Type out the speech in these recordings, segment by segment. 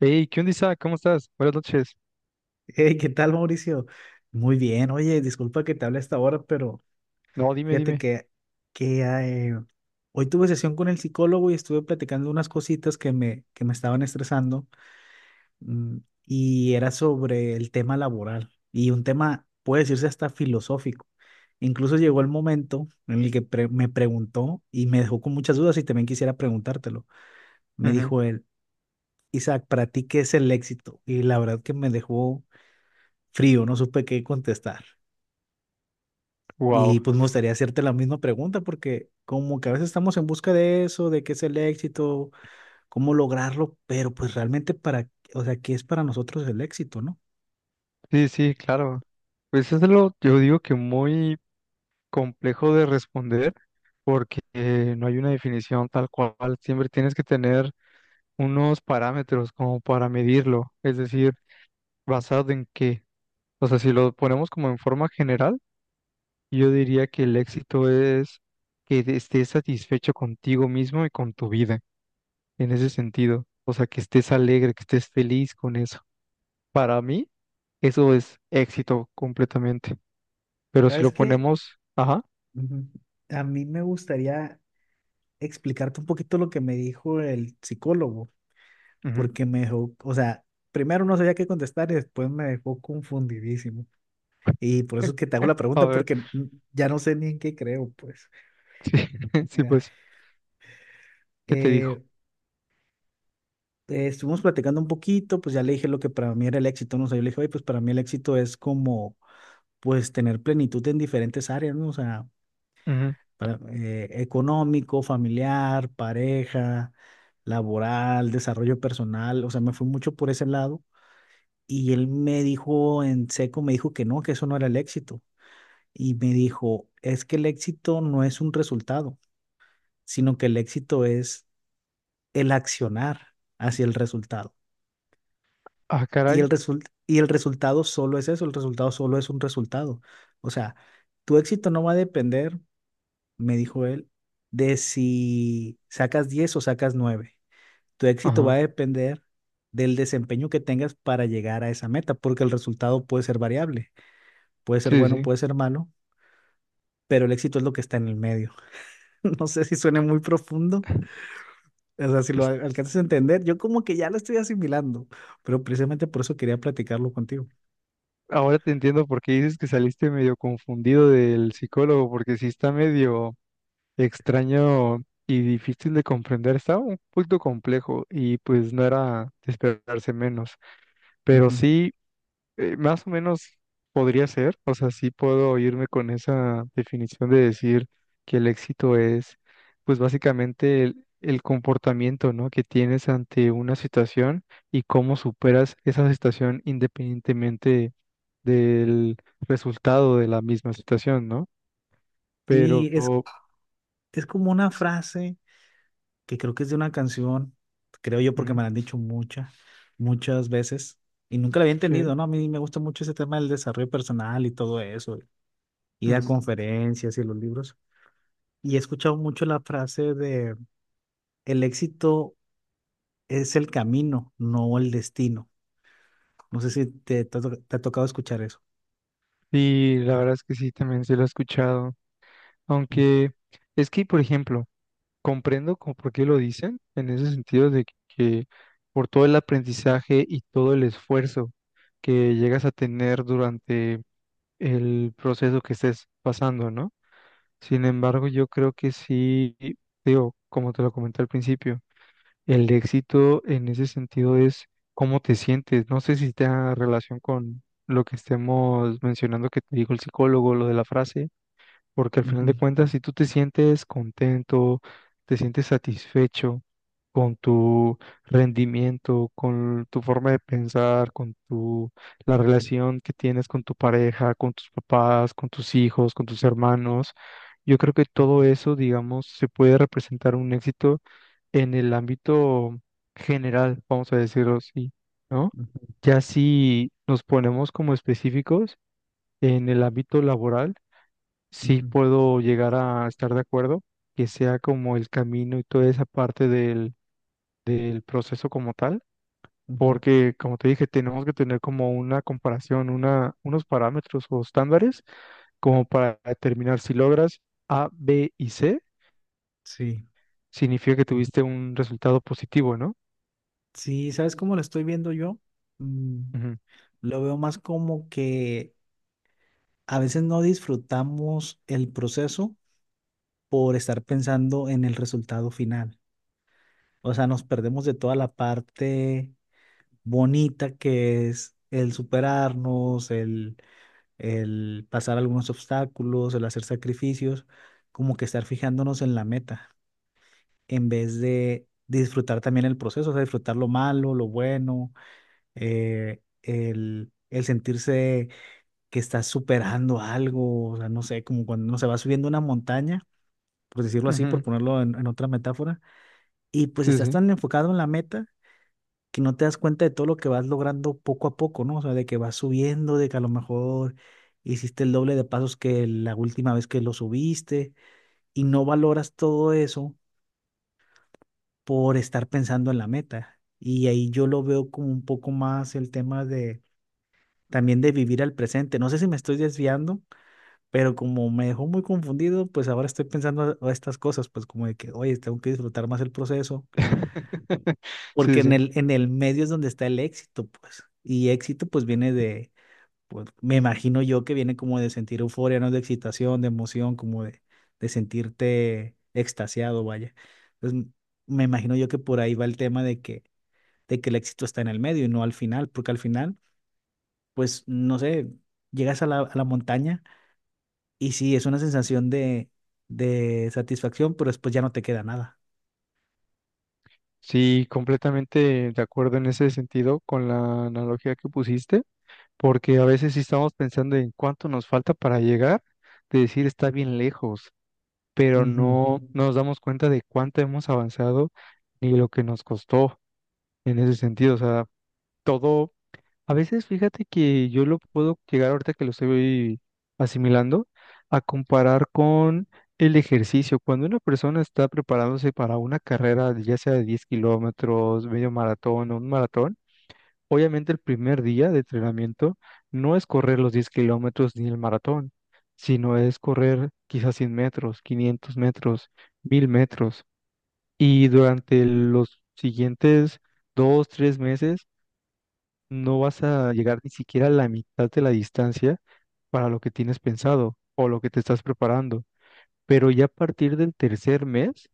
Hey, ¿qué onda, Isaac? ¿Cómo estás? Buenas noches. Hey, ¿qué tal, Mauricio? Muy bien. Oye, disculpa que te hable a esta hora, pero No, dime, fíjate dime. que hoy tuve sesión con el psicólogo y estuve platicando unas cositas que me estaban estresando mm, y era sobre el tema laboral y un tema, puede decirse, hasta filosófico. Incluso llegó el momento en el que me preguntó y me dejó con muchas dudas y también quisiera preguntártelo. Me dijo él, Isaac, ¿para ti qué es el éxito? Y la verdad que me dejó frío, no supe qué contestar. Y Wow. pues me gustaría hacerte la misma pregunta porque como que a veces estamos en busca de eso, de qué es el éxito, cómo lograrlo, pero pues realmente o sea, ¿qué es para nosotros el éxito, no? Sí, sí, claro. Pues yo digo que muy complejo de responder porque no hay una definición tal cual. Siempre tienes que tener unos parámetros como para medirlo. Es decir, basado en qué. O sea, si lo ponemos como en forma general, yo diría que el éxito es que estés satisfecho contigo mismo y con tu vida, en ese sentido. O sea, que estés alegre, que estés feliz con eso. Para mí, eso es éxito completamente. Pero si lo ¿Sabes qué? ponemos, ajá. Ujú. A mí me gustaría explicarte un poquito lo que me dijo el psicólogo, Ujú. porque me dejó, o sea, primero no sabía qué contestar y después me dejó confundidísimo. Y por eso es que te hago la A pregunta ver, porque ya no sé ni en qué creo, pues. sí, sí, Mira, pues, ¿qué te dijo? eh, estuvimos platicando un poquito, pues ya le dije lo que para mí era el éxito, ¿no? O sea, yo le dije, oye, pues para mí el éxito es como, pues tener plenitud en diferentes áreas, ¿no? O sea, Ujú. Económico, familiar, pareja, laboral, desarrollo personal, o sea, me fui mucho por ese lado. Y él me dijo en seco, me dijo que no, que eso no era el éxito. Y me dijo, es que el éxito no es un resultado, sino que el éxito es el accionar hacia el resultado. Ah, Y caray. el result- y el resultado solo es eso, el resultado solo es un resultado. O sea, tu éxito no va a depender, me dijo él, de si sacas 10 o sacas nueve. Tu éxito va a Ajá, depender del desempeño que tengas para llegar a esa meta, porque el resultado puede ser variable, puede ser sí, bueno, sí. puede ser malo, pero el éxito es lo que está en el medio. No sé si suena muy profundo, o sea, si lo Es- alcanzas a entender, yo como que ya lo estoy asimilando, pero precisamente por eso quería platicarlo contigo. Ahora te entiendo por qué dices que saliste medio confundido del psicólogo, porque sí está medio extraño y difícil de comprender. Estaba un poquito complejo y pues no era de esperarse menos. Pero Ujú. sí. Más o menos podría ser, o sea, sí puedo irme con esa definición de decir que el éxito es, pues básicamente el comportamiento, ¿no?, que tienes ante una situación y cómo superas esa situación independientemente del resultado de la misma situación, ¿no? Sí, Pero, es ujú, es como una frase que creo que es de una canción, creo yo porque me la han dicho muchas, muchas veces y nunca la había que, entendido, ¿no? A mí me gusta mucho ese tema del desarrollo personal y todo eso, ir a ujú. conferencias y los libros. Y he escuchado mucho la frase de el éxito es el camino, no el destino. No sé si te ha tocado escuchar eso. Sí, la verdad es que sí, también se lo he escuchado, Ujú, aunque es que, por ejemplo, comprendo como por qué lo dicen, en ese sentido de que por todo el aprendizaje y todo el esfuerzo que llegas a tener durante el proceso que estés pasando, ¿no? Sin embargo, yo creo que sí, digo, como te lo comenté al principio, el éxito en ese sentido es cómo te sientes. No sé si tenga relación con lo que estemos mencionando que te dijo el psicólogo, lo de la frase, porque al final de ujú, cuentas, si tú te sientes contento, te sientes satisfecho con tu rendimiento, con tu forma de pensar, con tu, la relación que tienes con tu pareja, con tus papás, con tus hijos, con tus hermanos, yo creo que todo eso, digamos, se puede representar un éxito en el ámbito general, vamos a decirlo así, ¿no? ujú, Ya si nos ponemos como específicos en el ámbito laboral, sí ujú, puedo llegar a estar de acuerdo que sea como el camino y toda esa parte del proceso como tal, ujú. porque como te dije, tenemos que tener como una comparación, unos parámetros o estándares como para determinar si logras A, B y C, Sí. significa que Ujú. tuviste un resultado positivo, ¿no? Sí, ¿sabes cómo lo estoy viendo yo? Mm, Ujú. lo veo más como que a veces no disfrutamos el proceso por estar pensando en el resultado final. O sea, nos perdemos de toda la parte bonita que es el superarnos, el pasar algunos obstáculos, el hacer sacrificios, como que estar fijándonos en la meta, en vez de disfrutar también el proceso, o sea, disfrutar lo malo, lo bueno, el sentirse que estás superando algo, o sea, no sé, como cuando uno se va subiendo una montaña por decirlo así, por Ujú. ponerlo en otra metáfora, y pues Sí, estás sí. tan enfocado en la meta que no te das cuenta de todo lo que vas logrando poco a poco, ¿no? O sea, de que vas subiendo, de que a lo mejor hiciste el doble de pasos que la última vez que lo subiste y no valoras todo eso por estar pensando en la meta. Y ahí yo lo veo como un poco más el tema de también de vivir al presente. No sé si me estoy desviando, pero como me dejó muy confundido, pues ahora estoy pensando a estas cosas, pues como de que, oye, tengo que disfrutar más el proceso. Porque Sí, en sí. el, en el medio es donde está el éxito, pues. Y éxito, pues, pues, me imagino yo que viene como de sentir euforia, ¿no? De excitación, de emoción, como de sentirte extasiado, vaya. Entonces, me imagino yo que por ahí va el tema de que el éxito está en el medio y no al final, porque al final, pues, no sé, llegas a la montaña y sí, es una sensación de satisfacción, pero después ya no te queda nada. Sí, completamente de acuerdo en ese sentido con la analogía que pusiste, porque a veces sí estamos pensando en cuánto nos falta para llegar, de decir está bien lejos, pero Ujú. no, ujú, nos damos cuenta de cuánto hemos avanzado ni lo que nos costó en ese sentido. O sea, todo, a veces fíjate que yo lo puedo llegar ahorita que lo estoy asimilando a comparar con el ejercicio. Cuando una persona está preparándose para una carrera, ya sea de 10 kilómetros, medio maratón o un maratón, obviamente el primer día de entrenamiento no es correr los 10 kilómetros ni el maratón, sino es correr quizás 100 metros, 500 metros, 1000 metros. Y durante los siguientes dos, tres meses no vas a llegar ni siquiera a la mitad de la distancia para lo que tienes pensado o lo que te estás preparando. Pero ya a partir del tercer mes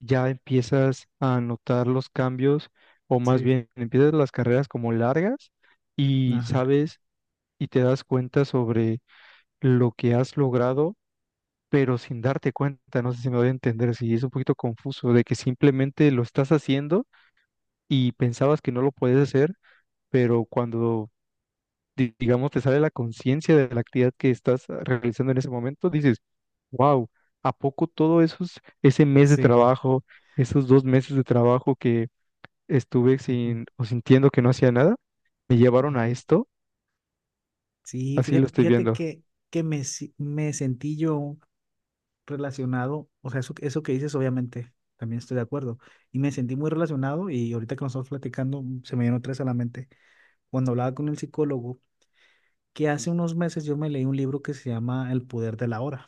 ya empiezas a notar los cambios, o más Sí, bien empiezas las carreras como largas y ajá, sabes y te das cuenta sobre lo que has logrado, pero sin darte cuenta, no sé si me voy a entender, si es un poquito confuso, de que simplemente lo estás haciendo y pensabas que no lo puedes hacer, pero cuando, digamos, te sale la conciencia de la actividad que estás realizando en ese momento, dices, wow, ¿a poco todo eso, ese mes de sí. trabajo? Esos 2 meses de trabajo estuve Ujú, sin o sintiendo que no hacía nada, me llevaron a ujú. esto, Sí, así lo fíjate, estoy fíjate viendo. Que me, si- me sentí yo relacionado, o sea, eso que dices, obviamente, también estoy de acuerdo, y me sentí muy relacionado y ahorita que nos estamos platicando, se me vino tres a la mente, cuando hablaba con el psicólogo, que hace unos meses yo me leí un libro que se llama El poder de la hora,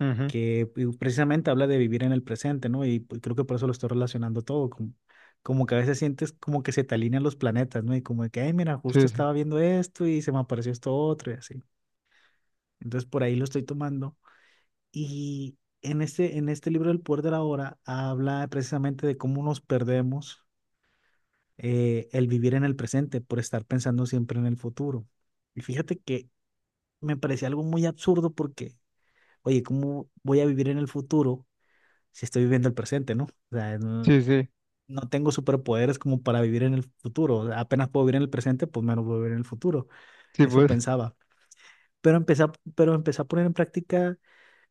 Ujú. que precisamente habla de vivir en el presente, ¿no? Y pues, creo que por eso lo estoy relacionando todo, como que a veces sientes como que se te alinean los planetas, ¿no? Y como de que, ay, mira, justo Sí, sí, estaba viendo esto y se me apareció esto otro y así. Entonces por ahí lo estoy tomando. Y en este libro El poder de la hora habla precisamente de cómo nos perdemos el vivir en el presente por estar pensando siempre en el futuro. Y fíjate que me parecía algo muy absurdo porque, oye, ¿cómo voy a vivir en el futuro si estoy viviendo el presente, no? O sea, no, sí, sí, no tengo superpoderes como para vivir en el futuro. O sea, apenas puedo vivir en el presente, pues menos puedo vivir en el futuro. sí, Eso pues. pensaba. Pero empecé a poner en práctica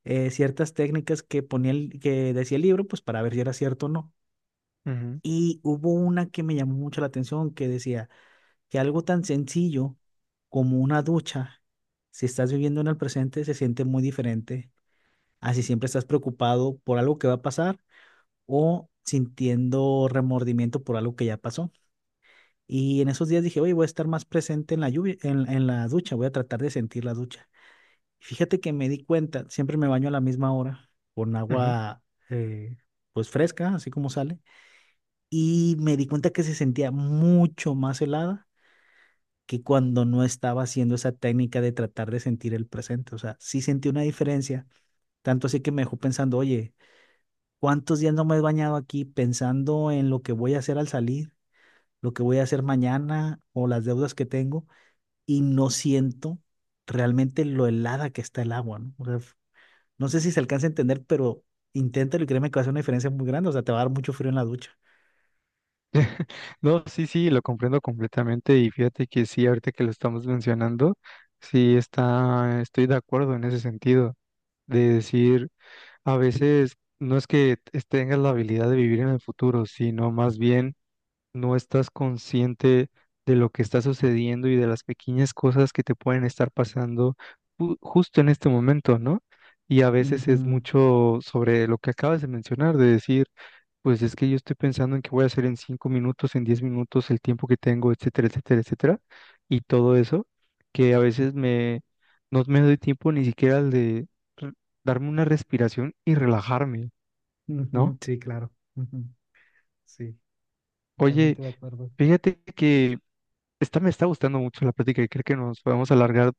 ciertas técnicas que que decía el libro, pues para ver si era cierto o no. Ujú. Y hubo una que me llamó mucho la atención que decía que algo tan sencillo como una ducha, si estás viviendo en el presente, se siente muy diferente a si siempre estás preocupado por algo que va a pasar o sintiendo remordimiento por algo que ya pasó. Y en esos días dije, oye, voy a estar más presente en la lluvia, en la ducha, voy a tratar de sentir la ducha. Fíjate que me di cuenta, siempre me baño a la misma hora con Ujú. agua eh, pues fresca, así como sale, y me di cuenta que se sentía mucho más helada que cuando no estaba haciendo esa técnica de tratar de sentir el presente. O sea, sí sentí una diferencia, tanto así que me dejó pensando, oye, ¿cuántos días no me he bañado aquí pensando en lo que voy a hacer al salir, lo que voy a hacer mañana o las deudas que tengo y no siento realmente lo helada que está el agua? ¿No? O sea, no sé si se alcanza a entender, pero inténtalo y créeme que va a hacer una diferencia muy grande. O sea, te va a dar mucho frío en la ducha. No, sí, sí, lo comprendo completamente y fíjate que sí, ahorita que lo estamos mencionando, sí está, estoy de acuerdo en ese sentido, de decir, a veces no es que tengas la habilidad de vivir en el futuro, sino más bien no estás consciente de lo que está sucediendo y de las pequeñas cosas que te pueden estar pasando justo en este momento, ¿no? Y a veces es Ujú, mucho sobre lo que acabas de mencionar, de decir, pues es que yo estoy pensando en qué voy a hacer en 5 minutos, en 10 minutos, el tiempo que tengo, etcétera, etcétera, etcétera, y todo eso, que a veces no me doy tiempo ni siquiera al de re- darme una respiración y relajarme, ¿no? ujú, sí, claro. Ujú, sí, Oye, totalmente de acuerdo. fíjate que esta me está gustando mucho la plática y creo que nos podemos alargar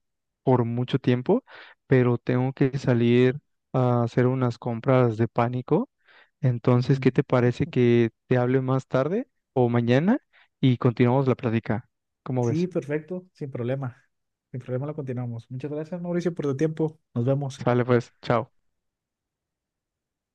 por mucho tiempo, pero tengo que salir a hacer unas compras de pánico. Entonces, Ujú. ¿qué te parece que te hable más tarde o mañana y continuamos la plática? ¿Cómo Sí, ves? perfecto, sin problema. Sin problema lo continuamos. Muchas gracias, Mauricio, por tu tiempo. Nos vemos. Sale pues, chao.